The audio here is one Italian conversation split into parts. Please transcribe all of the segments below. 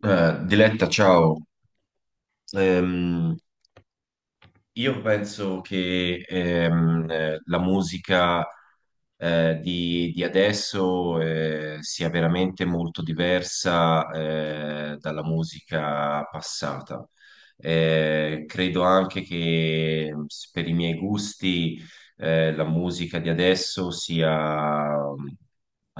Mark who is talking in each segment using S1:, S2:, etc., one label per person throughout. S1: Diletta, ciao. Ehm, io penso che la musica di adesso sia veramente molto diversa dalla musica passata. Credo anche che per i miei gusti la musica di adesso sia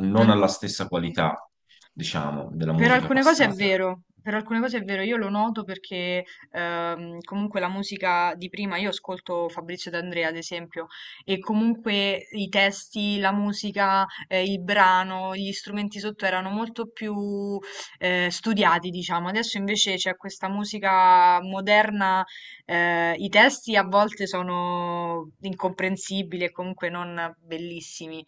S1: non
S2: Non-
S1: alla stessa qualità, diciamo, della
S2: per
S1: musica
S2: alcune cose è
S1: passata.
S2: vero, per alcune cose è vero, io lo noto perché comunque la musica di prima, io ascolto Fabrizio D'Andrea ad esempio, e comunque i testi, la musica, il brano, gli strumenti sotto erano molto più studiati, diciamo. Adesso invece c'è questa musica moderna, i testi a volte sono incomprensibili e comunque non bellissimi.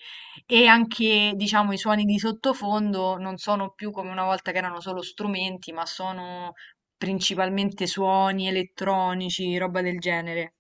S2: E anche, diciamo, i suoni di sottofondo non sono più come una volta che erano solo strumenti, ma sono principalmente suoni elettronici, roba del genere.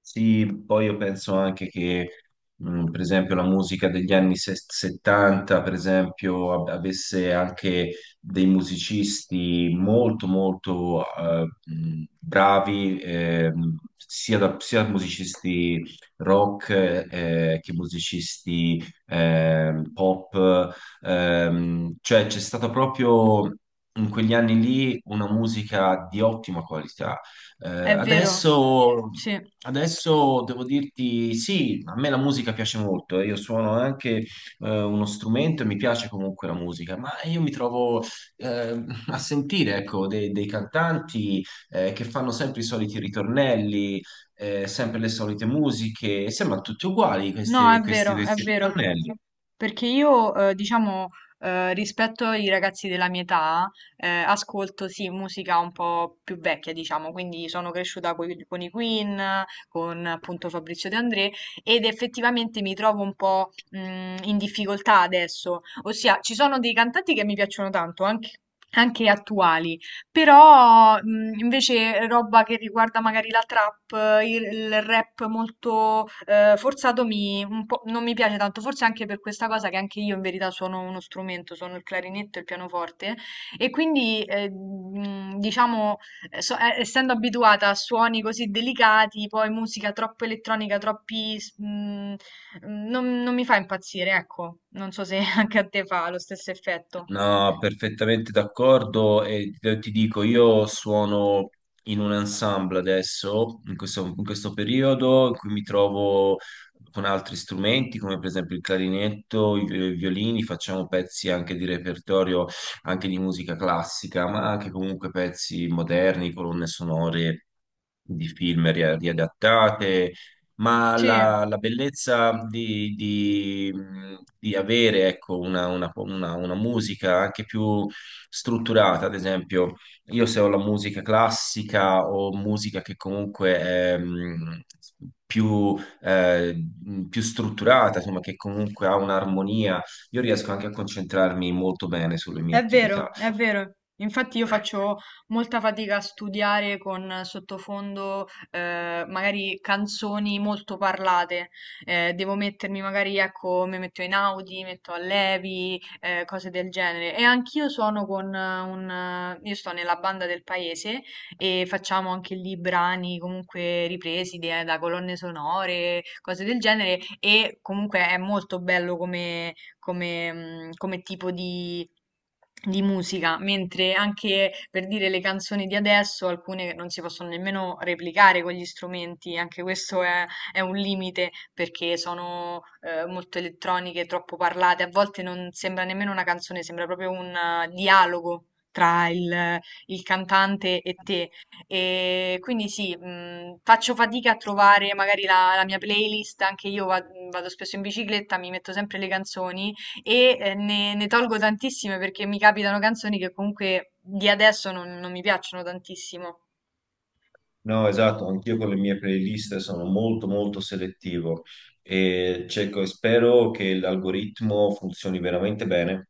S1: Sì, poi io penso anche che, per esempio, la musica degli anni 70, per esempio, avesse anche dei musicisti molto, molto bravi, sia, sia musicisti rock che musicisti pop. Cioè, c'è stata proprio in quegli anni lì una musica di ottima qualità. eh,
S2: È vero?
S1: adesso,
S2: Sì.
S1: Adesso devo dirti, sì, a me la musica piace molto. Io suono anche uno strumento e mi piace comunque la musica, ma io mi trovo a sentire, ecco, dei cantanti che fanno sempre i soliti ritornelli, sempre le solite musiche, e sembrano tutti uguali
S2: No,
S1: questi, questi,
S2: è
S1: questi
S2: vero,
S1: ritornelli.
S2: perché io, diciamo, rispetto ai ragazzi della mia età, ascolto, sì, musica un po' più vecchia, diciamo, quindi sono cresciuta con, i Queen, con appunto Fabrizio De André, ed effettivamente mi trovo un po', in difficoltà adesso, ossia ci sono dei cantanti che mi piacciono tanto, anche attuali, però, invece roba che riguarda magari la trap, il rap molto, forzato mi un po' non mi piace tanto, forse anche per questa cosa che anche io in verità suono uno strumento, suono il clarinetto e il pianoforte e quindi, diciamo, essendo abituata a suoni così delicati, poi musica troppo elettronica, troppi s mhmm, mhmm, non mi fa impazzire, ecco. Non so se anche a te fa lo stesso effetto.
S1: No, perfettamente d'accordo e ti dico, io suono in un ensemble adesso, in questo periodo, in cui mi trovo con altri strumenti, come per esempio il clarinetto, i violini, facciamo pezzi anche di repertorio, anche di musica classica, ma anche comunque pezzi moderni, colonne sonore di film riadattate, ma
S2: Sì.
S1: la bellezza di avere, ecco, una musica anche più strutturata. Ad esempio, io se ho la musica classica o musica che comunque è più, più strutturata, insomma, che comunque ha un'armonia, io riesco anche a concentrarmi molto bene sulle mie
S2: È
S1: attività.
S2: vero, è vero. Infatti io faccio molta fatica a studiare con sottofondo magari canzoni molto parlate. Devo mettermi magari, ecco, mi metto in Audi, metto a Levi, cose del genere. E anch'io suono con io sto nella banda del paese e facciamo anche lì brani comunque ripresi da colonne sonore, cose del genere. E comunque è molto bello come, come tipo di musica, mentre anche per dire le canzoni di adesso, alcune non si possono nemmeno replicare con gli strumenti, anche questo è un limite perché sono molto elettroniche, troppo parlate, a volte non sembra nemmeno una canzone, sembra proprio un dialogo. Tra il il cantante e te, e quindi sì, faccio fatica a trovare magari la, la mia playlist, vado spesso in bicicletta, mi metto sempre le canzoni e ne tolgo tantissime perché mi capitano canzoni che comunque di adesso non mi piacciono tantissimo.
S1: No, esatto, anch'io con le mie playlist sono molto selettivo e cerco e spero che l'algoritmo funzioni veramente bene.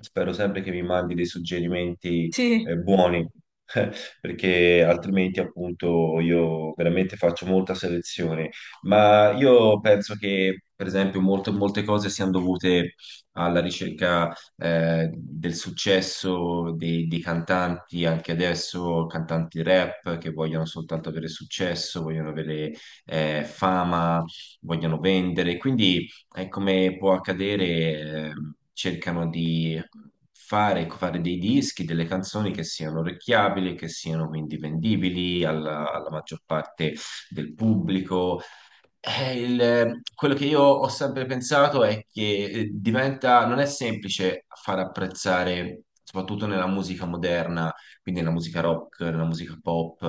S1: Spero sempre che mi mandi dei suggerimenti
S2: Sì.
S1: buoni, perché altrimenti appunto io veramente faccio molta selezione. Ma io penso che, per esempio, molte cose siano dovute alla ricerca del successo dei cantanti anche adesso, cantanti rap che vogliono soltanto avere successo, vogliono avere fama, vogliono vendere, quindi è come può accadere, eh, cercano di fare dei dischi, delle canzoni che siano orecchiabili, che siano quindi vendibili alla alla maggior parte del pubblico. Quello che io ho sempre pensato è che, diventa, non è semplice far apprezzare, soprattutto nella musica moderna, quindi nella musica rock, nella musica pop,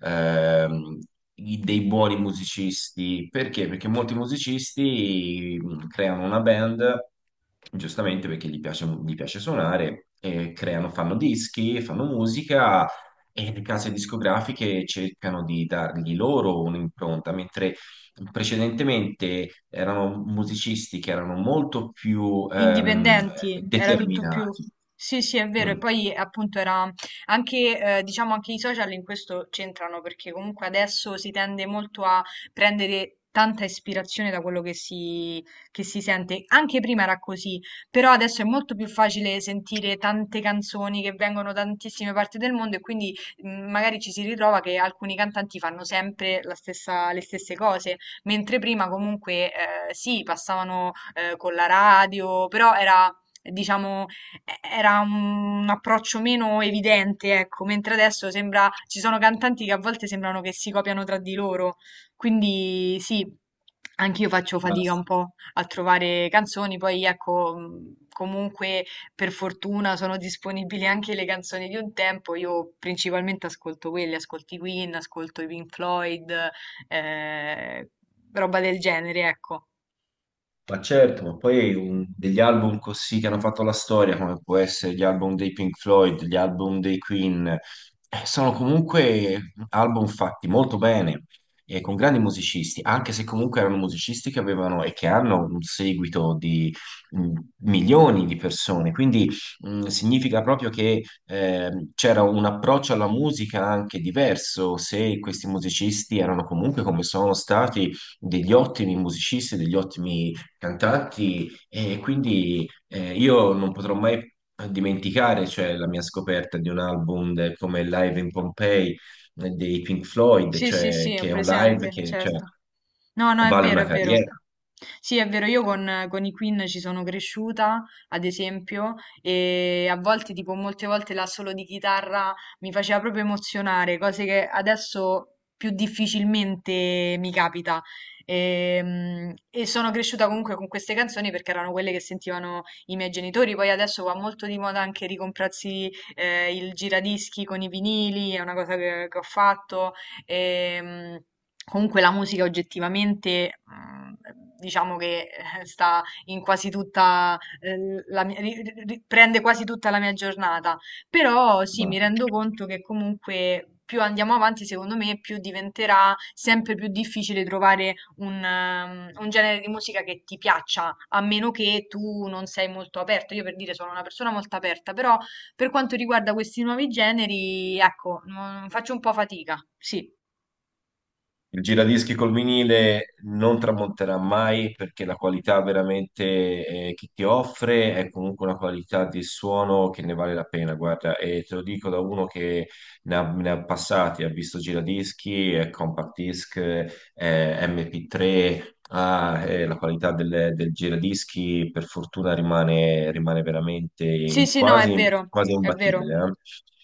S1: ehm, dei buoni musicisti. Perché? Perché molti musicisti creano una band, giustamente perché gli piace suonare, e creano, fanno dischi, fanno musica. E le case discografiche cercano di dargli loro un'impronta, mentre precedentemente erano musicisti che erano molto più
S2: Indipendenti, era tutto più.
S1: determinati.
S2: Sì, sì, è vero. E
S1: Mm.
S2: poi appunto era anche, diciamo, anche i social in questo c'entrano perché comunque adesso si tende molto a prendere tanta ispirazione da quello che si sente. Anche prima era così, però adesso è molto più facile sentire tante canzoni che vengono da tantissime parti del mondo e quindi magari ci si ritrova che alcuni cantanti fanno sempre le stesse cose mentre prima comunque sì, passavano con la radio, però era, diciamo, era un approccio meno evidente, ecco, mentre adesso sembra, ci sono cantanti che a volte sembrano che si copiano tra di loro, quindi sì, anch'io faccio fatica un
S1: Basta.
S2: po' a trovare canzoni, poi ecco, comunque per fortuna sono disponibili anche le canzoni di un tempo, io principalmente ascolto quelle, ascolto i Queen, ascolto i Pink Floyd, eh, roba del genere, ecco.
S1: Ma certo, ma poi degli album così che hanno fatto la storia, come può essere gli album dei Pink Floyd, gli album dei Queen, sono comunque album fatti molto bene e con grandi musicisti, anche se comunque erano musicisti che avevano e che hanno un seguito di mh, milioni di persone. Quindi significa proprio che c'era un approccio alla musica anche diverso, se questi musicisti erano comunque come sono stati degli ottimi musicisti, degli ottimi cantanti. E quindi io non potrò mai dimenticare, cioè, la mia scoperta di un album come Live in Pompeii dei Pink Floyd,
S2: Sì, sì,
S1: cioè,
S2: sì, ho
S1: che è un live
S2: presente,
S1: che, cioè,
S2: certo. No, no, è
S1: vale
S2: vero, è
S1: una
S2: vero.
S1: carriera.
S2: Sì, è vero, io con i Queen ci sono cresciuta, ad esempio, e a volte, tipo, molte volte l'assolo di chitarra mi faceva proprio emozionare, cose che adesso più difficilmente mi capita. E sono cresciuta comunque con queste canzoni perché erano quelle che sentivano i miei genitori. Poi adesso va molto di moda anche ricomprarsi il giradischi con i vinili, è una cosa che ho fatto. Ehm, comunque la musica oggettivamente, diciamo che sta in quasi tutta, la mia ri ri ri prende quasi tutta la mia giornata. Però sì, mi rendo conto che comunque più andiamo avanti, secondo me, più diventerà sempre più difficile trovare un un genere di musica che ti piaccia, a meno che tu non sei molto aperto. Io per dire sono una persona molto aperta, però per quanto riguarda questi nuovi generi, ecco, non faccio un po' fatica, sì.
S1: Il giradischi col vinile non tramonterà mai, perché la qualità veramente che ti offre è comunque una qualità di suono che ne vale la pena, guarda, e te lo dico da uno che ne ha passati, ha visto giradischi, compact disc, MP3, ah, la qualità del giradischi per fortuna rimane, rimane veramente
S2: Sì, sì, no, è
S1: quasi,
S2: vero,
S1: quasi
S2: è vero,
S1: imbattibile, eh?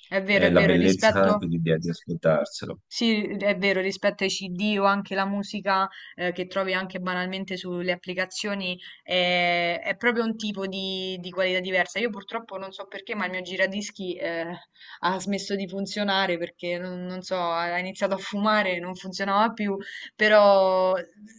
S2: è vero, è
S1: È la
S2: vero,
S1: bellezza anche
S2: rispetto,
S1: di ascoltarselo.
S2: sì, è vero, rispetto ai CD o anche la musica che trovi anche banalmente sulle applicazioni, è proprio un tipo di qualità diversa. Io purtroppo non so perché, ma il mio giradischi ha smesso di funzionare perché non, non so, ha iniziato a fumare, non funzionava più, però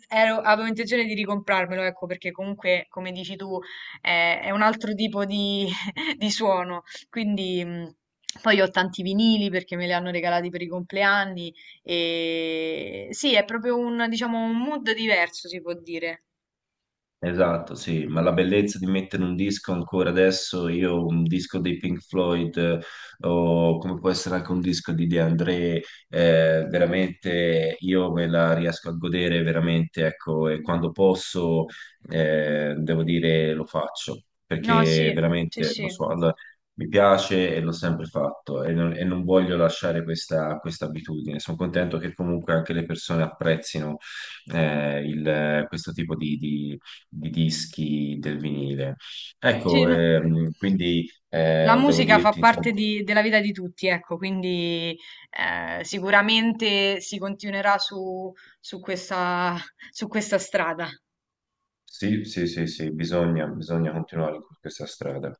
S2: avevo intenzione di ricomprarmelo, ecco, perché comunque, come dici tu, è un altro tipo di di suono. Quindi poi ho tanti vinili perché me li hanno regalati per i compleanni e sì, è proprio un, diciamo, un mood diverso, si può dire.
S1: Esatto, sì, ma la bellezza di mettere un disco ancora adesso, io un disco dei Pink Floyd o come può essere anche un disco di De André, veramente io me la riesco a godere veramente, ecco, e quando posso, devo dire, lo faccio,
S2: No,
S1: perché
S2: sì, sì,
S1: veramente lo
S2: sì.
S1: so, allora, mi piace e l'ho sempre fatto e non voglio lasciare questa abitudine. Sono contento che comunque anche le persone apprezzino questo tipo di dischi del vinile.
S2: Sì,
S1: Ecco,
S2: no.
S1: quindi
S2: La
S1: devo
S2: musica fa
S1: dirti,
S2: parte
S1: insomma,
S2: della vita di tutti, ecco, quindi sicuramente si continuerà su, su questa, su questa strada.
S1: sì, sì, sì, sì, bisogna, bisogna continuare in questa strada.